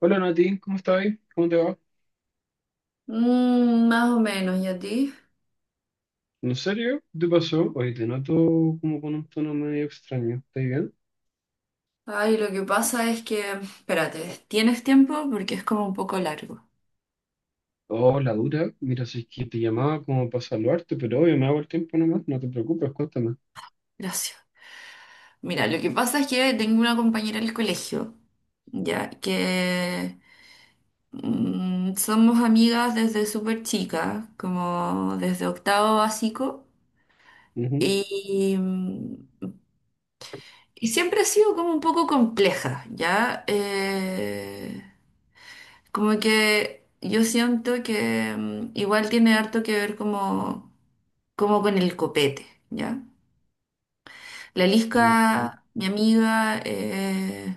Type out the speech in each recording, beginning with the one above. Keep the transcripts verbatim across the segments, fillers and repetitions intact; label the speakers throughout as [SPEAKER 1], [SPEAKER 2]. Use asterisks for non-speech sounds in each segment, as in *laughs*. [SPEAKER 1] Hola Nati, ¿cómo estás? ¿Cómo te va?
[SPEAKER 2] Mm, más o menos, ¿y a ti?
[SPEAKER 1] ¿En serio? ¿Qué te pasó? Oye, te noto como con un tono medio extraño. ¿Estás bien?
[SPEAKER 2] Ay, lo que pasa es que, espérate, ¿tienes tiempo? Porque es como un poco largo.
[SPEAKER 1] Oh, la dura. Mira, si es que te llamaba como para saludarte, pero obvio, me hago el tiempo nomás. No te preocupes, cuéntame.
[SPEAKER 2] Gracias. Mira, lo que pasa es que tengo una compañera del colegio, ya, que mm, somos amigas desde súper chica, como desde octavo básico,
[SPEAKER 1] Ujú.
[SPEAKER 2] y, mm, y siempre ha sido como un poco compleja, ¿ya? Eh, Como que yo siento que mm, igual tiene harto que ver como, como con el copete, ¿ya? La
[SPEAKER 1] Ok.
[SPEAKER 2] Lisca, mi amiga, eh,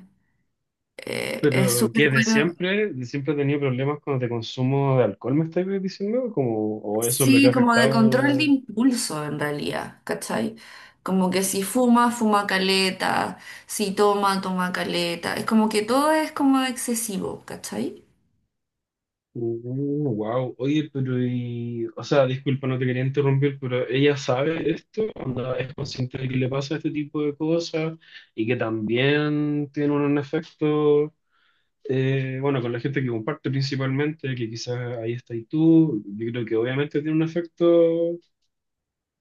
[SPEAKER 2] eh, es
[SPEAKER 1] Pero,
[SPEAKER 2] súper
[SPEAKER 1] ¿qué? ¿De
[SPEAKER 2] buena.
[SPEAKER 1] siempre? ¿De siempre he tenido problemas cuando te consumo de alcohol, me estás diciendo? Como, ¿o eso es lo que ha
[SPEAKER 2] Sí, como de control de
[SPEAKER 1] afectado?
[SPEAKER 2] impulso en realidad, ¿cachai? Como que si fuma, fuma caleta, si toma, toma caleta. Es como que todo es como excesivo, ¿cachai?
[SPEAKER 1] Wow. Oye, pero y, o sea, disculpa, no te quería interrumpir, pero ella sabe esto, ¿onda es consciente de que le pasa este tipo de cosas y que también tiene un efecto, eh, bueno, con la gente que comparte principalmente, que quizás ahí está y tú, yo creo que obviamente tiene un efecto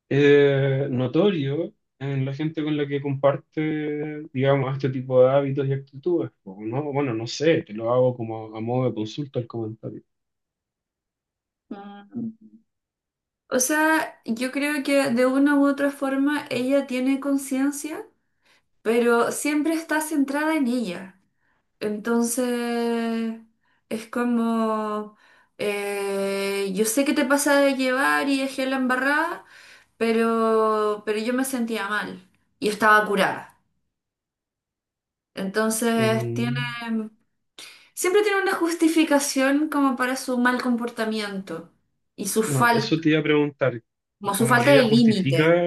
[SPEAKER 1] eh, notorio en la gente con la que comparte, digamos, este tipo de hábitos y actitudes, ¿no? Bueno, no sé, te lo hago como a modo de consulta el comentario.
[SPEAKER 2] Mm. O sea, yo creo que de una u otra forma ella tiene conciencia, pero siempre está centrada en ella. Entonces, es como, eh, yo sé que te pasa de llevar y dejé la embarrada, pero, pero yo me sentía mal y estaba curada. Entonces, tiene,
[SPEAKER 1] Mm.
[SPEAKER 2] siempre tiene una justificación como para su mal comportamiento y su
[SPEAKER 1] No, eso
[SPEAKER 2] falta,
[SPEAKER 1] te iba a preguntar,
[SPEAKER 2] como su
[SPEAKER 1] como que
[SPEAKER 2] falta de
[SPEAKER 1] ella justifica,
[SPEAKER 2] límite.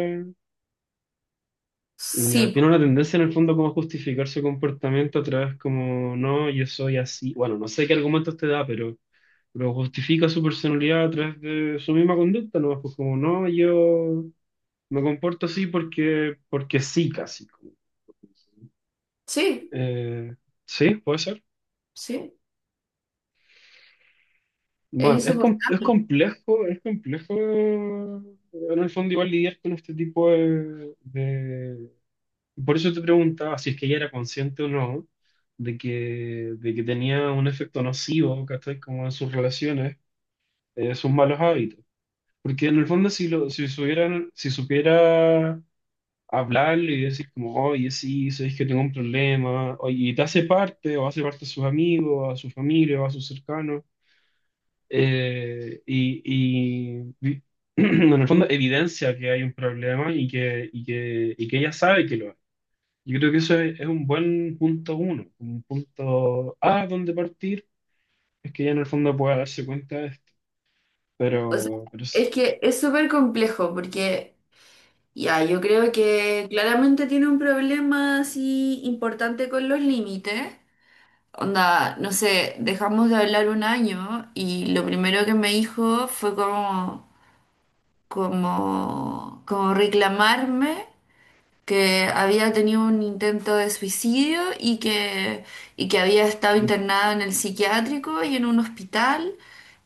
[SPEAKER 2] Sí,
[SPEAKER 1] ya tiene
[SPEAKER 2] po.
[SPEAKER 1] una tendencia en el fondo como a justificar su comportamiento a través como, no, yo soy así, bueno, no sé qué argumentos te da, pero, pero justifica su personalidad a través de su misma conducta, ¿no? Pues como, no, yo me comporto así porque, porque sí, casi.
[SPEAKER 2] Sí,
[SPEAKER 1] Eh, sí, puede ser.
[SPEAKER 2] sí, es
[SPEAKER 1] Bueno, es, com- es
[SPEAKER 2] insoportable.
[SPEAKER 1] complejo, es complejo en el fondo igual lidiar con este tipo de, por eso te preguntaba si es que ella era consciente o no de que, de que tenía un efecto nocivo, ¿cachai? Como en sus relaciones, eh, sus malos hábitos. Porque en el fondo, si, lo, si, supieran- si supiera hablar y decir como, oye, sí, sabéis que tengo un problema, oye, y te hace parte, o hace parte a sus amigos, a su familia, o a sus cercanos, eh, y, y y *clears throat* en el fondo evidencia que hay un problema y que, y que, y que ella sabe que lo hay. Yo creo que eso es, es un buen punto uno, un punto A donde partir, es que ya en el fondo pueda darse cuenta de esto,
[SPEAKER 2] O sea,
[SPEAKER 1] pero, pero
[SPEAKER 2] es
[SPEAKER 1] es,
[SPEAKER 2] que es súper complejo porque ya, yo creo que claramente tiene un problema así importante con los límites. Onda, no sé, dejamos de hablar un año y lo primero que me dijo fue como, como, como reclamarme que había tenido un intento de suicidio y que, y que había estado
[SPEAKER 1] uf,
[SPEAKER 2] internado en el psiquiátrico y en un hospital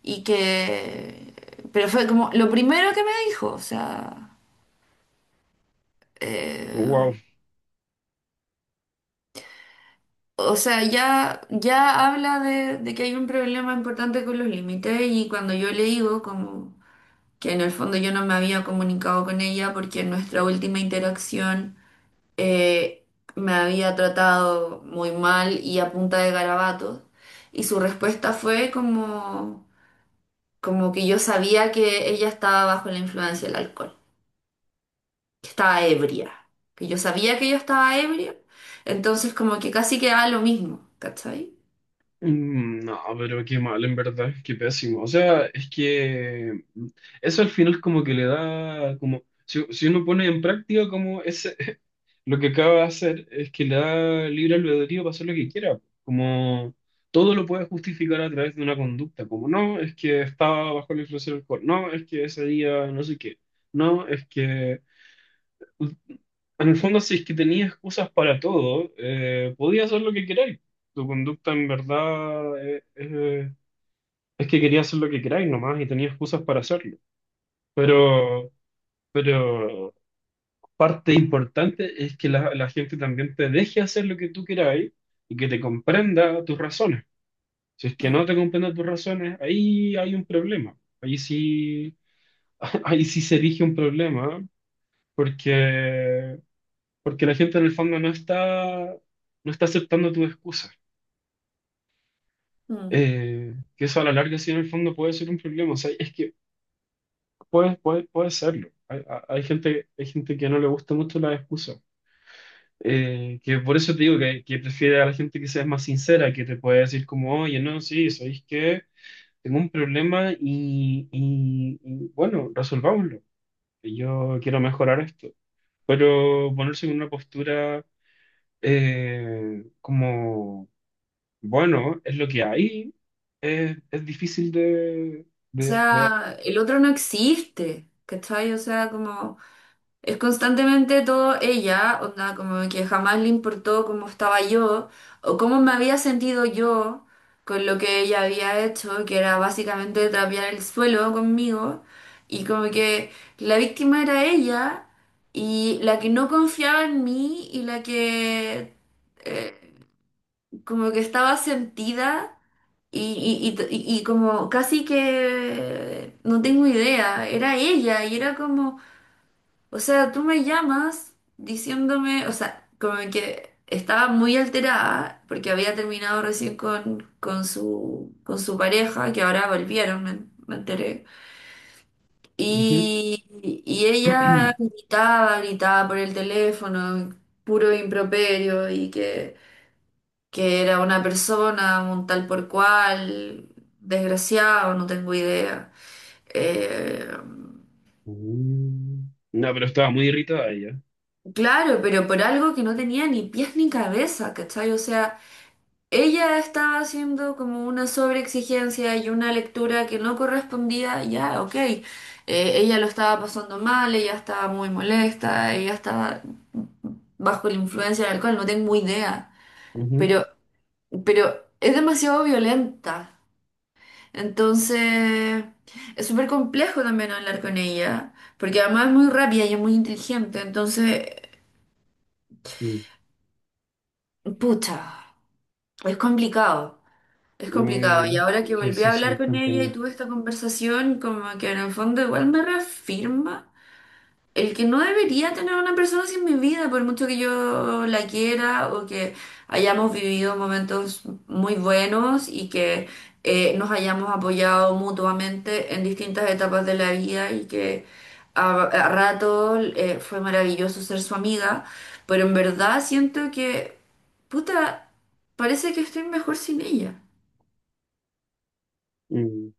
[SPEAKER 2] y que... Pero fue como lo primero que me dijo, o sea...
[SPEAKER 1] wow.
[SPEAKER 2] eh, o sea, ya, ya habla de, de que hay un problema importante con los límites, y cuando yo le digo como que en el fondo yo no me había comunicado con ella porque en nuestra última interacción... eh, me había tratado muy mal y a punta de garabatos. Y su respuesta fue como, como que yo sabía que ella estaba bajo la influencia del alcohol, que estaba ebria, que yo sabía que ella estaba ebria, entonces como que casi quedaba lo mismo, ¿cachai?
[SPEAKER 1] Mm, no, pero qué mal, en verdad, qué pésimo, o sea, es que mm, eso al final como que le da, como, si, si uno pone en práctica como ese, lo que acaba de hacer es que le da libre albedrío para hacer lo que quiera. Como todo lo puede justificar a través de una conducta. Como no, es que estaba bajo la influencia del alcohol. No, es que ese día no sé qué. No, es que. En el fondo, si es que tenía excusas para todo, eh, podía hacer lo que queráis. Tu conducta en verdad eh, eh, es que quería hacer lo que queráis nomás y tenía excusas para hacerlo. Pero. Pero parte importante es que la, la gente también te deje hacer lo que tú quieras y que te comprenda tus razones. Si es que
[SPEAKER 2] Mm,
[SPEAKER 1] no te comprende tus razones, ahí hay un problema. Ahí sí, *laughs* ahí sí se erige un problema, porque, porque la gente en el fondo no está, no está aceptando tus excusas.
[SPEAKER 2] mm.
[SPEAKER 1] Eh, que eso a la larga sí en el fondo puede ser un problema. O sea, es que puede, puede, puede serlo. Hay, hay hay gente, hay gente que no le gusta mucho las excusas. Eh, que por eso te digo que, que prefiere a la gente que sea más sincera, que te puede decir como, oye, no, sí, sabéis que tengo un problema y, y- y, bueno, resolvámoslo. Yo quiero mejorar esto. Pero ponerse en una postura eh, como, bueno, es lo que hay, eh, es difícil de...
[SPEAKER 2] O
[SPEAKER 1] de, de-
[SPEAKER 2] sea, el otro no existe, ¿cachai? O sea, como... Es constantemente todo ella, onda, como que jamás le importó cómo estaba yo o cómo me había sentido yo con lo que ella había hecho, que era básicamente trapear el suelo conmigo, y como que la víctima era ella y la que no confiaba en mí y la que eh, como que estaba sentida y, y, y, y como casi que no tengo idea, era ella y era como... O sea, tú me llamas diciéndome, o sea, como que estaba muy alterada porque había terminado recién con, con su, con su pareja, que ahora volvieron, me, me enteré.
[SPEAKER 1] Ujú.
[SPEAKER 2] Y, y ella
[SPEAKER 1] *clears throat*
[SPEAKER 2] gritaba, gritaba por el teléfono, puro improperio, y que, que era una persona, un tal por cual, desgraciado, no tengo idea. Eh,
[SPEAKER 1] Mm. No, pero estaba muy irritada ella.
[SPEAKER 2] Claro, pero por algo que no tenía ni pies ni cabeza, ¿cachai? O sea, ella estaba haciendo como una sobreexigencia y una lectura que no correspondía, ya, ok. Eh, ella lo estaba pasando mal, ella estaba muy molesta, ella estaba bajo la influencia del alcohol, no tengo idea.
[SPEAKER 1] Ujú.
[SPEAKER 2] Pero, pero es demasiado violenta. Entonces, es súper complejo también hablar con ella, porque además es muy rápida y es muy inteligente, entonces,
[SPEAKER 1] Mm.
[SPEAKER 2] pucha. Es complicado, es complicado. Y
[SPEAKER 1] Mm,
[SPEAKER 2] ahora que
[SPEAKER 1] sí,
[SPEAKER 2] volví
[SPEAKER 1] sí,
[SPEAKER 2] a hablar
[SPEAKER 1] sí,
[SPEAKER 2] con ella y
[SPEAKER 1] entiendo.
[SPEAKER 2] tuve esta conversación, como que en el fondo igual me reafirma el que no debería tener una persona así en mi vida, por mucho que yo la quiera o que hayamos vivido momentos muy buenos y que eh, nos hayamos apoyado mutuamente en distintas etapas de la vida y que a, a rato eh, fue maravilloso ser su amiga, pero en verdad siento que, puta, parece que estoy mejor sin ella.
[SPEAKER 1] Mm.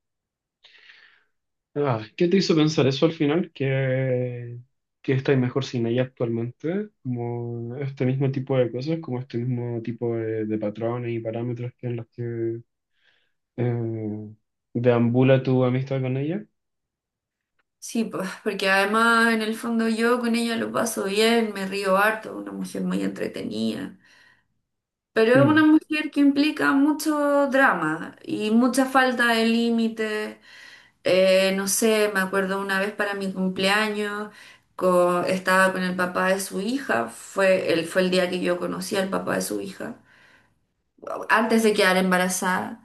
[SPEAKER 1] Ah, ¿qué te hizo pensar eso al final? Que, que estáis mejor sin ella actualmente, como este mismo tipo de cosas, como este mismo tipo de, de patrones y parámetros que en los que eh, deambula tu amistad con ella.
[SPEAKER 2] Sí, pues, porque además en el fondo yo con ella lo paso bien, me río harto, una mujer muy entretenida. Pero es
[SPEAKER 1] Mm,
[SPEAKER 2] una mujer que implica mucho drama y mucha falta de límite. Eh, no sé, me acuerdo una vez para mi cumpleaños, co- estaba con el papá de su hija, fue el, fue el día que yo conocí al papá de su hija, antes de quedar embarazada.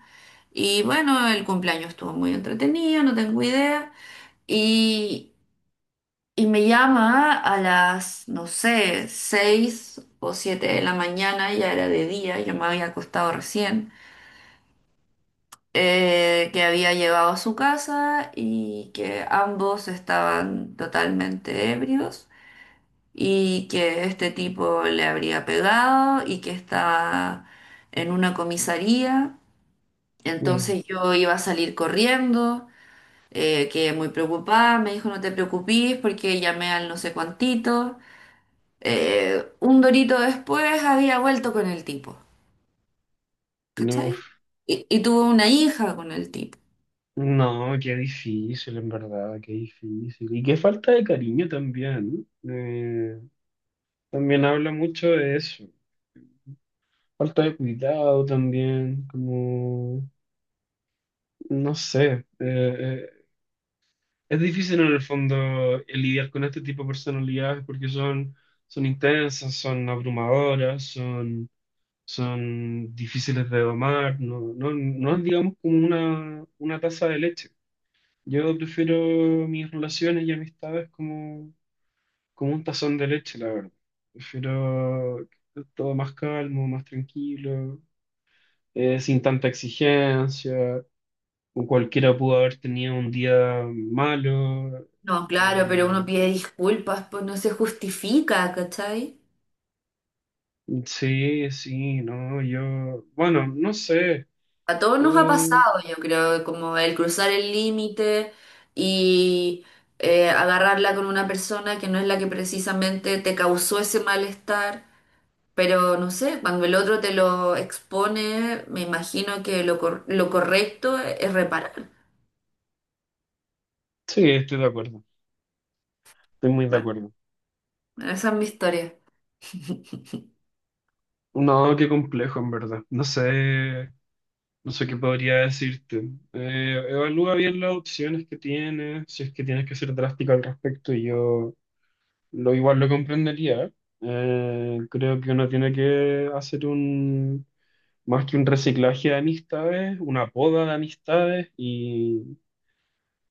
[SPEAKER 2] Y bueno, el cumpleaños estuvo muy entretenido, no tengo idea. Y, y me llama a las, no sé, seis o siete de la mañana, ya era de día, yo me había acostado recién. eh, que había llevado a su casa y que ambos estaban totalmente ebrios y que este tipo le habría pegado y que estaba en una comisaría.
[SPEAKER 1] mm.
[SPEAKER 2] Entonces yo iba a salir corriendo, eh, quedé muy preocupada, me dijo no te preocupes porque llamé al no sé cuantito. Eh, un dorito después había vuelto con el tipo,
[SPEAKER 1] No, uf.
[SPEAKER 2] ¿cachai? Y, y tuvo una hija con el tipo.
[SPEAKER 1] No, qué difícil, en verdad, qué difícil. Y qué falta de cariño también, ¿no? Eh, también habla mucho de eso. Falta de cuidado también, como... No sé, eh, eh, es difícil en el fondo eh, lidiar con este tipo de personalidades porque son, son intensas, son abrumadoras, son, son difíciles de domar, no, no, no es digamos como una, una taza de leche. Yo prefiero mis relaciones y amistades como, como un tazón de leche, la verdad. Prefiero todo más calmo, más tranquilo, eh, sin tanta exigencia, o cualquiera pudo haber tenido un día malo.
[SPEAKER 2] No, claro, pero uno
[SPEAKER 1] eh,
[SPEAKER 2] pide disculpas, pues no se justifica, ¿cachai?
[SPEAKER 1] sí, sí, no, yo, bueno, no sé.
[SPEAKER 2] A todos nos ha
[SPEAKER 1] eh,
[SPEAKER 2] pasado, yo creo, como el cruzar el límite y eh, agarrarla con una persona que no es la que precisamente te causó ese malestar. Pero no sé, cuando el otro te lo expone, me imagino que lo, cor- lo correcto es reparar.
[SPEAKER 1] sí, estoy de acuerdo, estoy muy de
[SPEAKER 2] Bueno,
[SPEAKER 1] acuerdo.
[SPEAKER 2] esa es mi historia.
[SPEAKER 1] No, qué complejo, en verdad. No sé, no sé qué podría decirte. Eh, evalúa bien las opciones que tienes, si es que tienes que ser drástico al respecto, y yo lo igual lo comprendería. Eh, creo que uno tiene que hacer un más que un reciclaje de amistades, una poda de amistades y,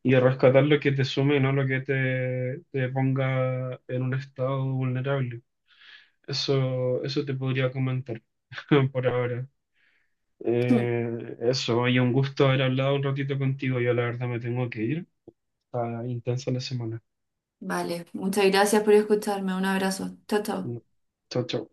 [SPEAKER 1] y rescatar lo que te sume, no lo que te, te ponga en un estado vulnerable. Eso, eso te podría comentar *laughs* por ahora.
[SPEAKER 2] *clears throat* *laughs*
[SPEAKER 1] Eh, eso, y un gusto haber hablado un ratito contigo. Yo la verdad me tengo que ir. Está intensa la semana.
[SPEAKER 2] Vale, muchas gracias por escucharme. Un abrazo. Chao, chao.
[SPEAKER 1] No. Chao, chao.